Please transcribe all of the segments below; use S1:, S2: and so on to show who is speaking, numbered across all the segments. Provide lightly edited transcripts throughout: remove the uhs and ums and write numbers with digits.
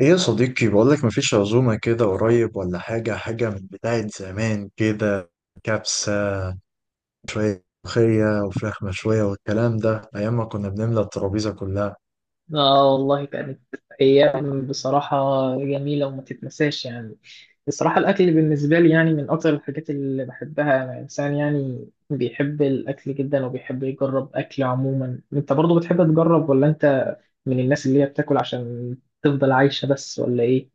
S1: ايه يا صديقي، بقولك مفيش عزومة كده قريب ولا حاجة حاجة من بتاعة زمان؟ كده كبسة، ملوخية وفراخ مشوية والكلام ده، أيام ما كنا بنملى الترابيزة كلها.
S2: اه والله كانت ايام بصراحه جميله وما تتنساش يعني. بصراحه الاكل بالنسبه لي يعني من اكتر الحاجات اللي بحبها، انا انسان يعني بيحب الاكل جدا وبيحب يجرب اكل عموما. انت برضو بتحب تجرب، ولا انت من الناس اللي هي بتاكل عشان تفضل عايشه بس، ولا ايه؟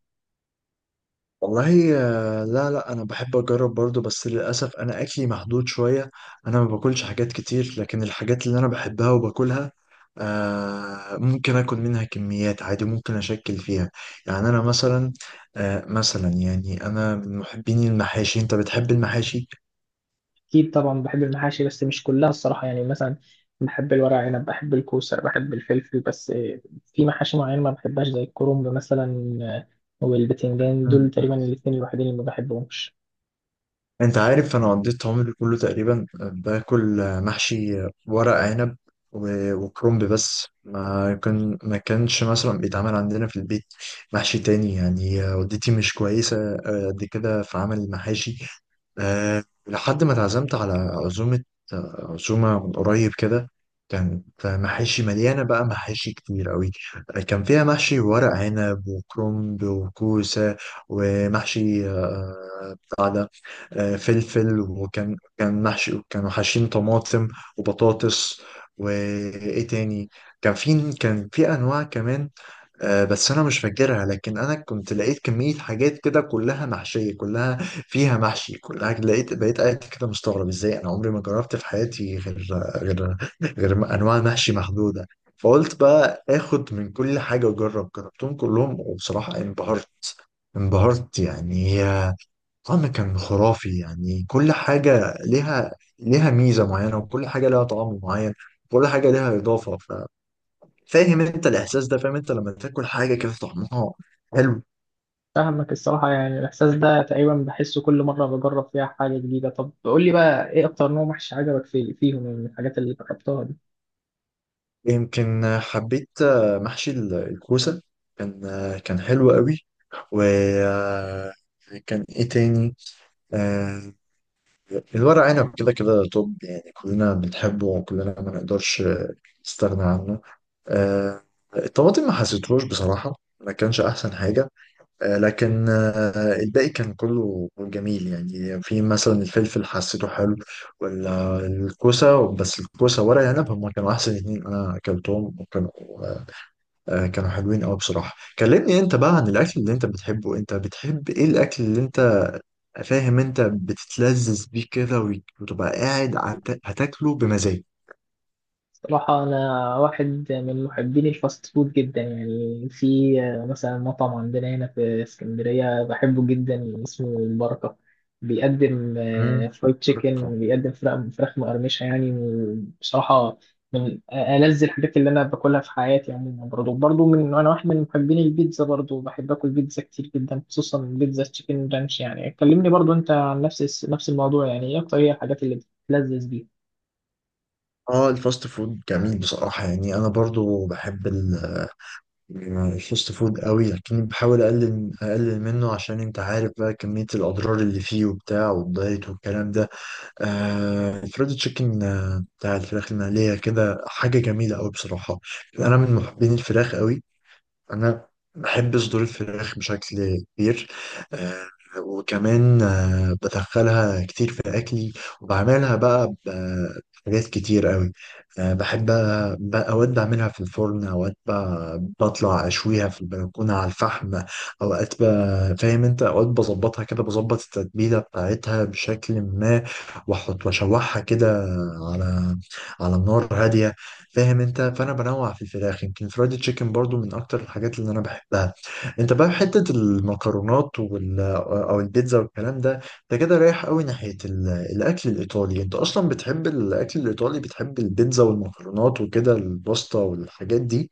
S1: والله، لا لا، أنا بحب أجرب برضو، بس للأسف أنا أكلي محدود شوية. أنا ما باكلش حاجات كتير، لكن الحاجات اللي أنا بحبها وباكلها، ممكن آكل منها كميات عادي، ممكن أشكل فيها. يعني أنا مثلا، يعني أنا من محبين المحاشي. أنت بتحب المحاشي؟
S2: أكيد طبعا بحب المحاشي بس مش كلها الصراحة، يعني مثلا بحب الورق عنب، بحب الكوسة، بحب الفلفل، بس في محاشي معينة ما بحبهاش زي الكرنب مثلا والبتنجان، دول تقريبا الاتنين الوحيدين اللي ما بحبهمش.
S1: انت عارف، انا قضيت عمري كله تقريبا باكل محشي ورق عنب وكرنب، بس ما كانش مثلا بيتعمل عندنا في البيت محشي تاني، يعني والدتي مش كويسة قد كده في عمل المحاشي. لحد ما اتعزمت على عزومة، عزومة من قريب كده. كانت محاشي مليانة، بقى محاشي كتير قوي. كان فيها محشي ورق عنب وكرنب وكوسة، ومحشي بتاع ده، فلفل، وكان محشي كانوا حاشين طماطم وبطاطس، وإيه تاني؟ كان في أنواع كمان. بس انا مش فاكرها، لكن انا كنت لقيت كمية حاجات كده، كلها محشية، كلها فيها محشي، كلها لقيت. بقيت قاعد كده مستغرب ازاي انا عمري ما جربت في حياتي غير غير انواع محشي محدودة. فقلت بقى اخد من كل حاجة واجرب، جربتهم كلهم وبصراحة انبهرت، انبهرت يعني، طعم كان خرافي يعني. كل حاجة ليها ميزة معينة، وكل حاجة ليها طعم معين، كل حاجة ليها إضافة. فاهم انت الاحساس ده؟ فاهم انت لما تاكل حاجه كده طعمها حلو؟
S2: فاهمك الصراحة، يعني الإحساس ده تقريبا بحسه كل مرة بجرب فيها حاجة جديدة. طب قول لي بقى، إيه أكتر نوع محشي عجبك في فيهم يعني، من الحاجات اللي جربتها دي؟
S1: يمكن حبيت محشي الكوسه، كان حلو قوي، وكان ايه تاني؟ آه، الورق عنب كده كده، طب يعني كلنا بنحبه، وكلنا ما نقدرش نستغنى عنه. آه، الطماطم ما حسيتهوش بصراحه، ما كانش احسن حاجه. لكن الباقي كان كله جميل، يعني في مثلا الفلفل حسيته حلو، والكوسة، بس الكوسة ورق العنب هما كانوا أحسن اتنين أنا أكلتهم، وكانوا آه، كانوا حلوين أوي بصراحة. كلمني أنت بقى عن الأكل اللي أنت بتحبه، أنت بتحب إيه الأكل اللي أنت، فاهم أنت، بتتلذذ بيه كده وتبقى قاعد هتاكله بمزاج؟
S2: صراحة أنا واحد من محبين الفاست فود جدا، يعني في مثلا مطعم عندنا هنا في اسكندرية بحبه جدا اسمه البركة، بيقدم
S1: مم.
S2: فرايد تشيكن، بيقدم فراخ مقرمشة يعني. بصراحة من ألذ الحاجات اللي أنا باكلها في حياتي عموما. برضه أنا واحد من محبين البيتزا، برضه بحب آكل بيتزا كتير جدا، خصوصا بيتزا تشيكن رانش. يعني كلمني برضه أنت عن نفس الموضوع، يعني إيه أكتر هي الحاجات اللي بتلذذ بيها؟
S1: اه، الفاست فود جميل بصراحة، يعني أنا برضو بحب الفاست فود قوي، لكن بحاول اقلل منه، عشان انت عارف بقى كمية الاضرار اللي فيه وبتاع والدايت والكلام ده. الفريد تشيكن، بتاع الفراخ المقلية كده، حاجة جميلة قوي بصراحة. انا من محبين الفراخ قوي. انا بحب صدور الفراخ بشكل كبير. آه، وكمان بدخلها كتير في اكلي، وبعملها بقى بحاجات كتير قوي. بحب اوقات بعملها في الفرن، اوقات بطلع اشويها في البلكونه على الفحم، اوقات فاهم انت؟ اوقات بظبطها كده، بظبط التتبيله بتاعتها بشكل ما، واحط واشوحها كده على على النار هاديه. فاهم انت؟ فانا بنوع في الفراخ. يمكن فرايد تشيكن برضو من اكتر الحاجات اللي انا بحبها. انت بقى حته المكرونات او البيتزا والكلام ده، انت كده رايح قوي ناحيه الاكل الايطالي. انت اصلا بتحب الاكل الايطالي؟ بتحب البيتزا والمكرونات وكده الباستا والحاجات دي؟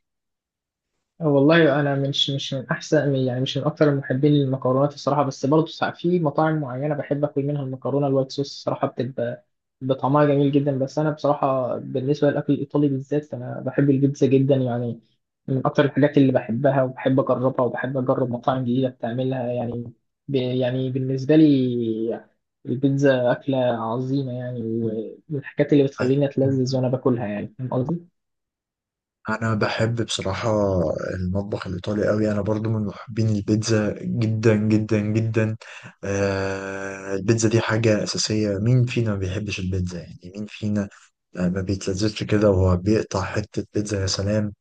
S2: والله انا مش من احسن، يعني مش من اكثر المحبين للمكرونات الصراحه، بس برضه ساعات في مطاعم معينه بحب اكل منها المكرونه الوايت صوص الصراحه، بتبقى بطعمها جميل جدا. بس انا بصراحه بالنسبه للاكل الايطالي بالذات، انا بحب البيتزا جدا يعني، من اكثر الحاجات اللي بحبها وبحب اجربها وبحب اجرب مطاعم جديده بتعملها يعني. يعني بالنسبه لي البيتزا اكله عظيمه يعني، ومن الحاجات اللي
S1: أي.
S2: بتخليني اتلذذ وانا باكلها يعني، فاهم قصدي؟
S1: انا بحب بصراحة المطبخ الايطالي قوي. انا برضو من محبين البيتزا جدا جدا جدا. البيتزا دي حاجة اساسية. مين فينا ما بيحبش البيتزا؟ يعني مين فينا ما بيتلذذش كده وهو بيقطع حتة بيتزا، يا سلام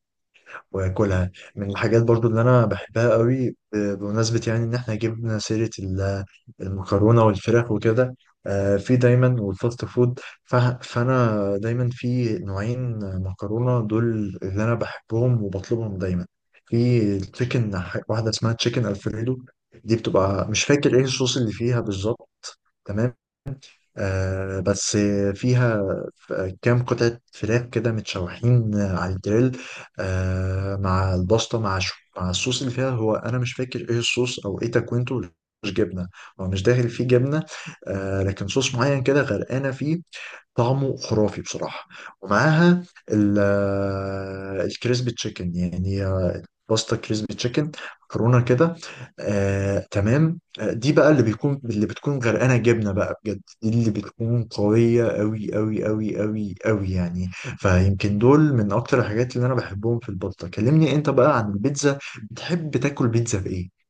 S1: واكلها. من الحاجات برضو اللي انا بحبها قوي، بمناسبة يعني ان احنا جبنا سيرة المكرونة والفراخ وكده، في دايما والفاست فود، ف- فانا دايما في نوعين مكرونة دول اللي انا بحبهم وبطلبهم دايما. في التشيكن، واحدة اسمها تشيكن الفريدو، دي بتبقى مش فاكر ايه الصوص اللي فيها بالظبط، تمام، بس فيها كام قطعة فراخ كده متشوحين على الجريل، مع البسطة، مع شو، مع الصوص اللي فيها. هو أنا مش فاكر إيه الصوص أو إيه تكوينته. مش جبنة، هو مش داخل فيه جبنة، لكن صوص معين كده غرقانة فيه، طعمه خرافي بصراحة. ومعاها ال- الكريسبي تشيكن يعني، باستا كريسبي تشيكن، مكرونة كده. تمام، دي بقى اللي بتكون غرقانة جبنة بقى بجد، دي اللي بتكون قوية أوي أوي أوي أوي أوي يعني. فيمكن دول من أكتر الحاجات اللي أنا بحبهم في الباستا. كلمني أنت بقى عن البيتزا، بتحب تاكل بيتزا بإيه؟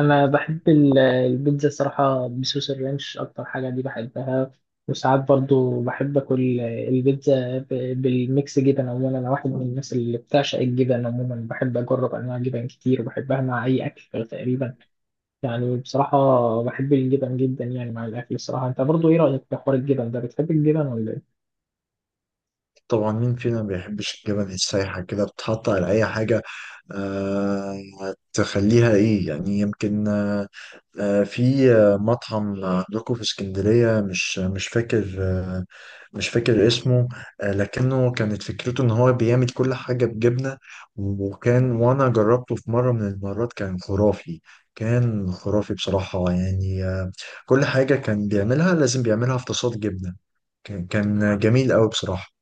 S2: انا بحب البيتزا صراحه بصوص الرانش، اكتر حاجه دي بحبها، وساعات برضو بحب اكل البيتزا بالميكس جبن. عموما انا واحد من الناس اللي بتعشق الجبن، عموما بحب اجرب انواع جبن كتير وبحبها مع اي اكل تقريبا يعني. بصراحه بحب الجبن جدا يعني مع الاكل الصراحه. انت برضو ايه رايك في حوار الجبن ده، بتحب الجبن ولا ايه؟
S1: طبعا، مين فينا ما بيحبش الجبن السايحة كده، بتحط على أي حاجة، آه تخليها إيه يعني؟ يمكن في مطعم عندكم في اسكندرية، مش فاكر، مش فاكر اسمه، لكنه كانت فكرته إن هو بيعمل كل حاجة بجبنة، وأنا جربته في مرة من المرات، كان خرافي، كان خرافي بصراحة يعني. كل حاجة كان بيعملها لازم بيعملها في تصاد جبنة. كان جميل أوي بصراحة.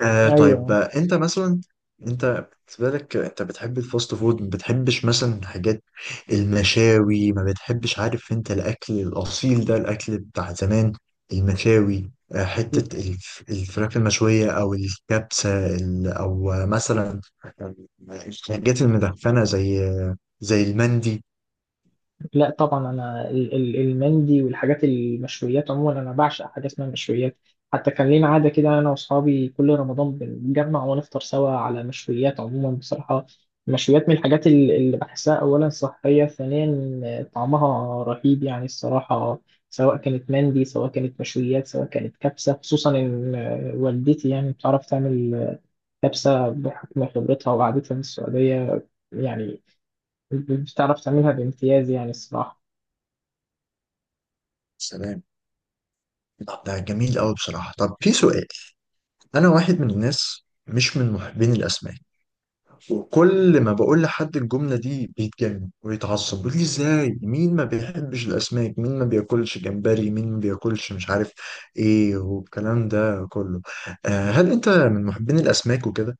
S1: طيب،
S2: ايوه.
S1: انت مثلا، انت بالنسبه لك انت بتحب الفاست فود، ما بتحبش مثلا حاجات المشاوي؟ ما بتحبش؟ عارف انت، الاكل الاصيل ده، الاكل بتاع زمان، المشاوي، حته الفراخ المشويه، او الكبسه، ال- او آه، مثلا الحاجات المدخنه زي المندي.
S2: لا طبعا، انا المندي والحاجات المشويات عموما انا بعشق، حاجه اسمها مشويات. حتى كان لينا عاده كده، انا واصحابي كل رمضان بنتجمع ونفطر سوا على مشويات. عموما بصراحه المشويات من الحاجات اللي بحسها اولا صحيه، ثانيا طعمها رهيب يعني الصراحه، سواء كانت مندي، سواء كانت مشويات، سواء كانت كبسه. خصوصا ان والدتي يعني بتعرف تعمل كبسه بحكم خبرتها وقعدتها من السعوديه، يعني بتعرف تعملها بامتياز يعني الصراحه.
S1: سلام. طب ده جميل قوي بصراحه. طب في سؤال، انا واحد من الناس مش من محبين الاسماك، وكل ما بقول لحد الجملة دي بيتجنن ويتعصب، بيقول لي ازاي؟ مين ما بيحبش الأسماك؟ مين ما بياكلش جمبري؟ مين ما بياكلش مش عارف ايه، والكلام ده كله. هل انت من محبين الأسماك وكده؟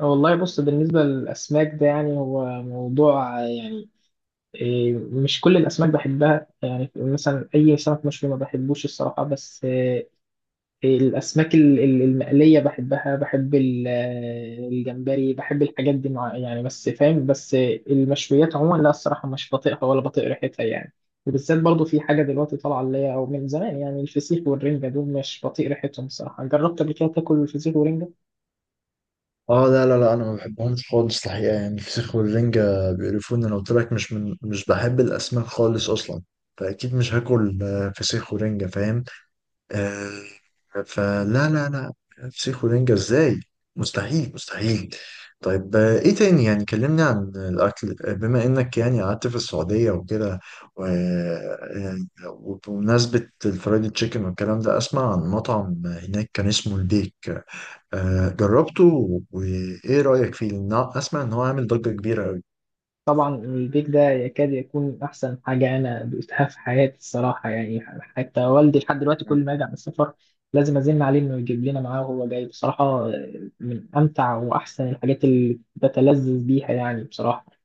S2: والله بص، بالنسبة للأسماك ده يعني هو موضوع يعني، مش كل الأسماك بحبها، يعني مثلا أي سمك مشوي ما بحبوش الصراحة، بس الأسماك المقلية بحبها، بحب الجمبري، بحب الحاجات دي مع يعني، بس فاهم، بس المشويات عموما لا الصراحة مش بطيقها ولا بطيق ريحتها يعني. وبالذات برضو في حاجة دلوقتي طالعة اللي هي، أو من زمان يعني، الفسيخ والرنجة، دول مش بطيق ريحتهم الصراحة. جربت قبل كده تاكل الفسيخ والرنجة؟
S1: اه، لا لا لا، انا ما بحبهمش خالص الحقيقة، يعني الفسيخ والرنجة بيقرفوني. انا قلت لك، مش بحب الأسماك خالص أصلا، فأكيد مش هاكل فسيخ ورنجة، فاهم؟ آه، فلا لا لا، فسيخ ورنجة ازاي؟ مستحيل مستحيل. طيب ايه تاني؟ يعني كلمني عن الاكل، بما انك يعني قعدت في السعودية وكده و- آه، وبمناسبة الفرايد تشيكن والكلام ده، اسمع عن مطعم هناك كان اسمه البيك، جربته وايه رأيك فيه؟ لأن اسمع ان هو عامل ضجة كبيرة قوي.
S2: طبعا البيك ده يكاد يكون أحسن حاجة أنا دوقتها في حياتي الصراحة يعني، حتى والدي لحد دلوقتي كل ما يرجع من السفر لازم أزن عليه إنه يجيب لنا معاه وهو جاي. بصراحة من أمتع وأحسن الحاجات اللي بتلذذ بيها يعني بصراحة.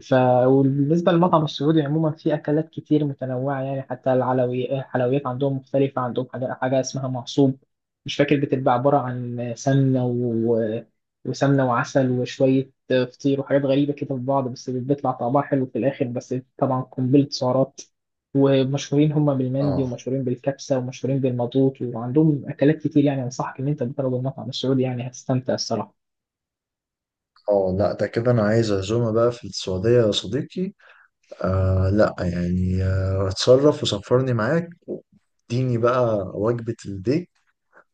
S2: ف وبالنسبة للمطعم السعودي عموما في أكلات كتير متنوعة يعني، حتى العلوي الحلويات عندهم مختلفة، عندهم حاجة اسمها معصوب، مش فاكر، بتبقى عبارة عن سمنة وسمنة وعسل وشوية فطير وحاجات غريبة كده في بعض، بس بيطلع طعمها حلو في الآخر، بس طبعا قنبلة سعرات. ومشهورين هم بالمندي،
S1: اه،
S2: ومشهورين بالكبسة، ومشهورين بالمضغوط، وعندهم أكلات كتير يعني. أنصحك إن أنت تجرب المطعم السعودي يعني، هتستمتع الصراحة.
S1: اه، لا، ده كده انا عايز عزومة بقى في السعودية يا صديقي. لا يعني، اتصرف وسفرني معاك، اديني بقى وجبة الديك،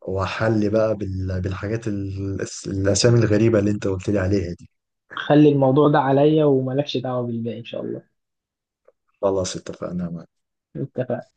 S1: وحل بقى بالحاجات الأسامي الغريبة اللي أنت قلت لي عليها دي.
S2: خلي الموضوع ده عليا وملكش دعوة بالباقي إن شاء الله.
S1: خلاص اتفقنا.
S2: اتفقنا.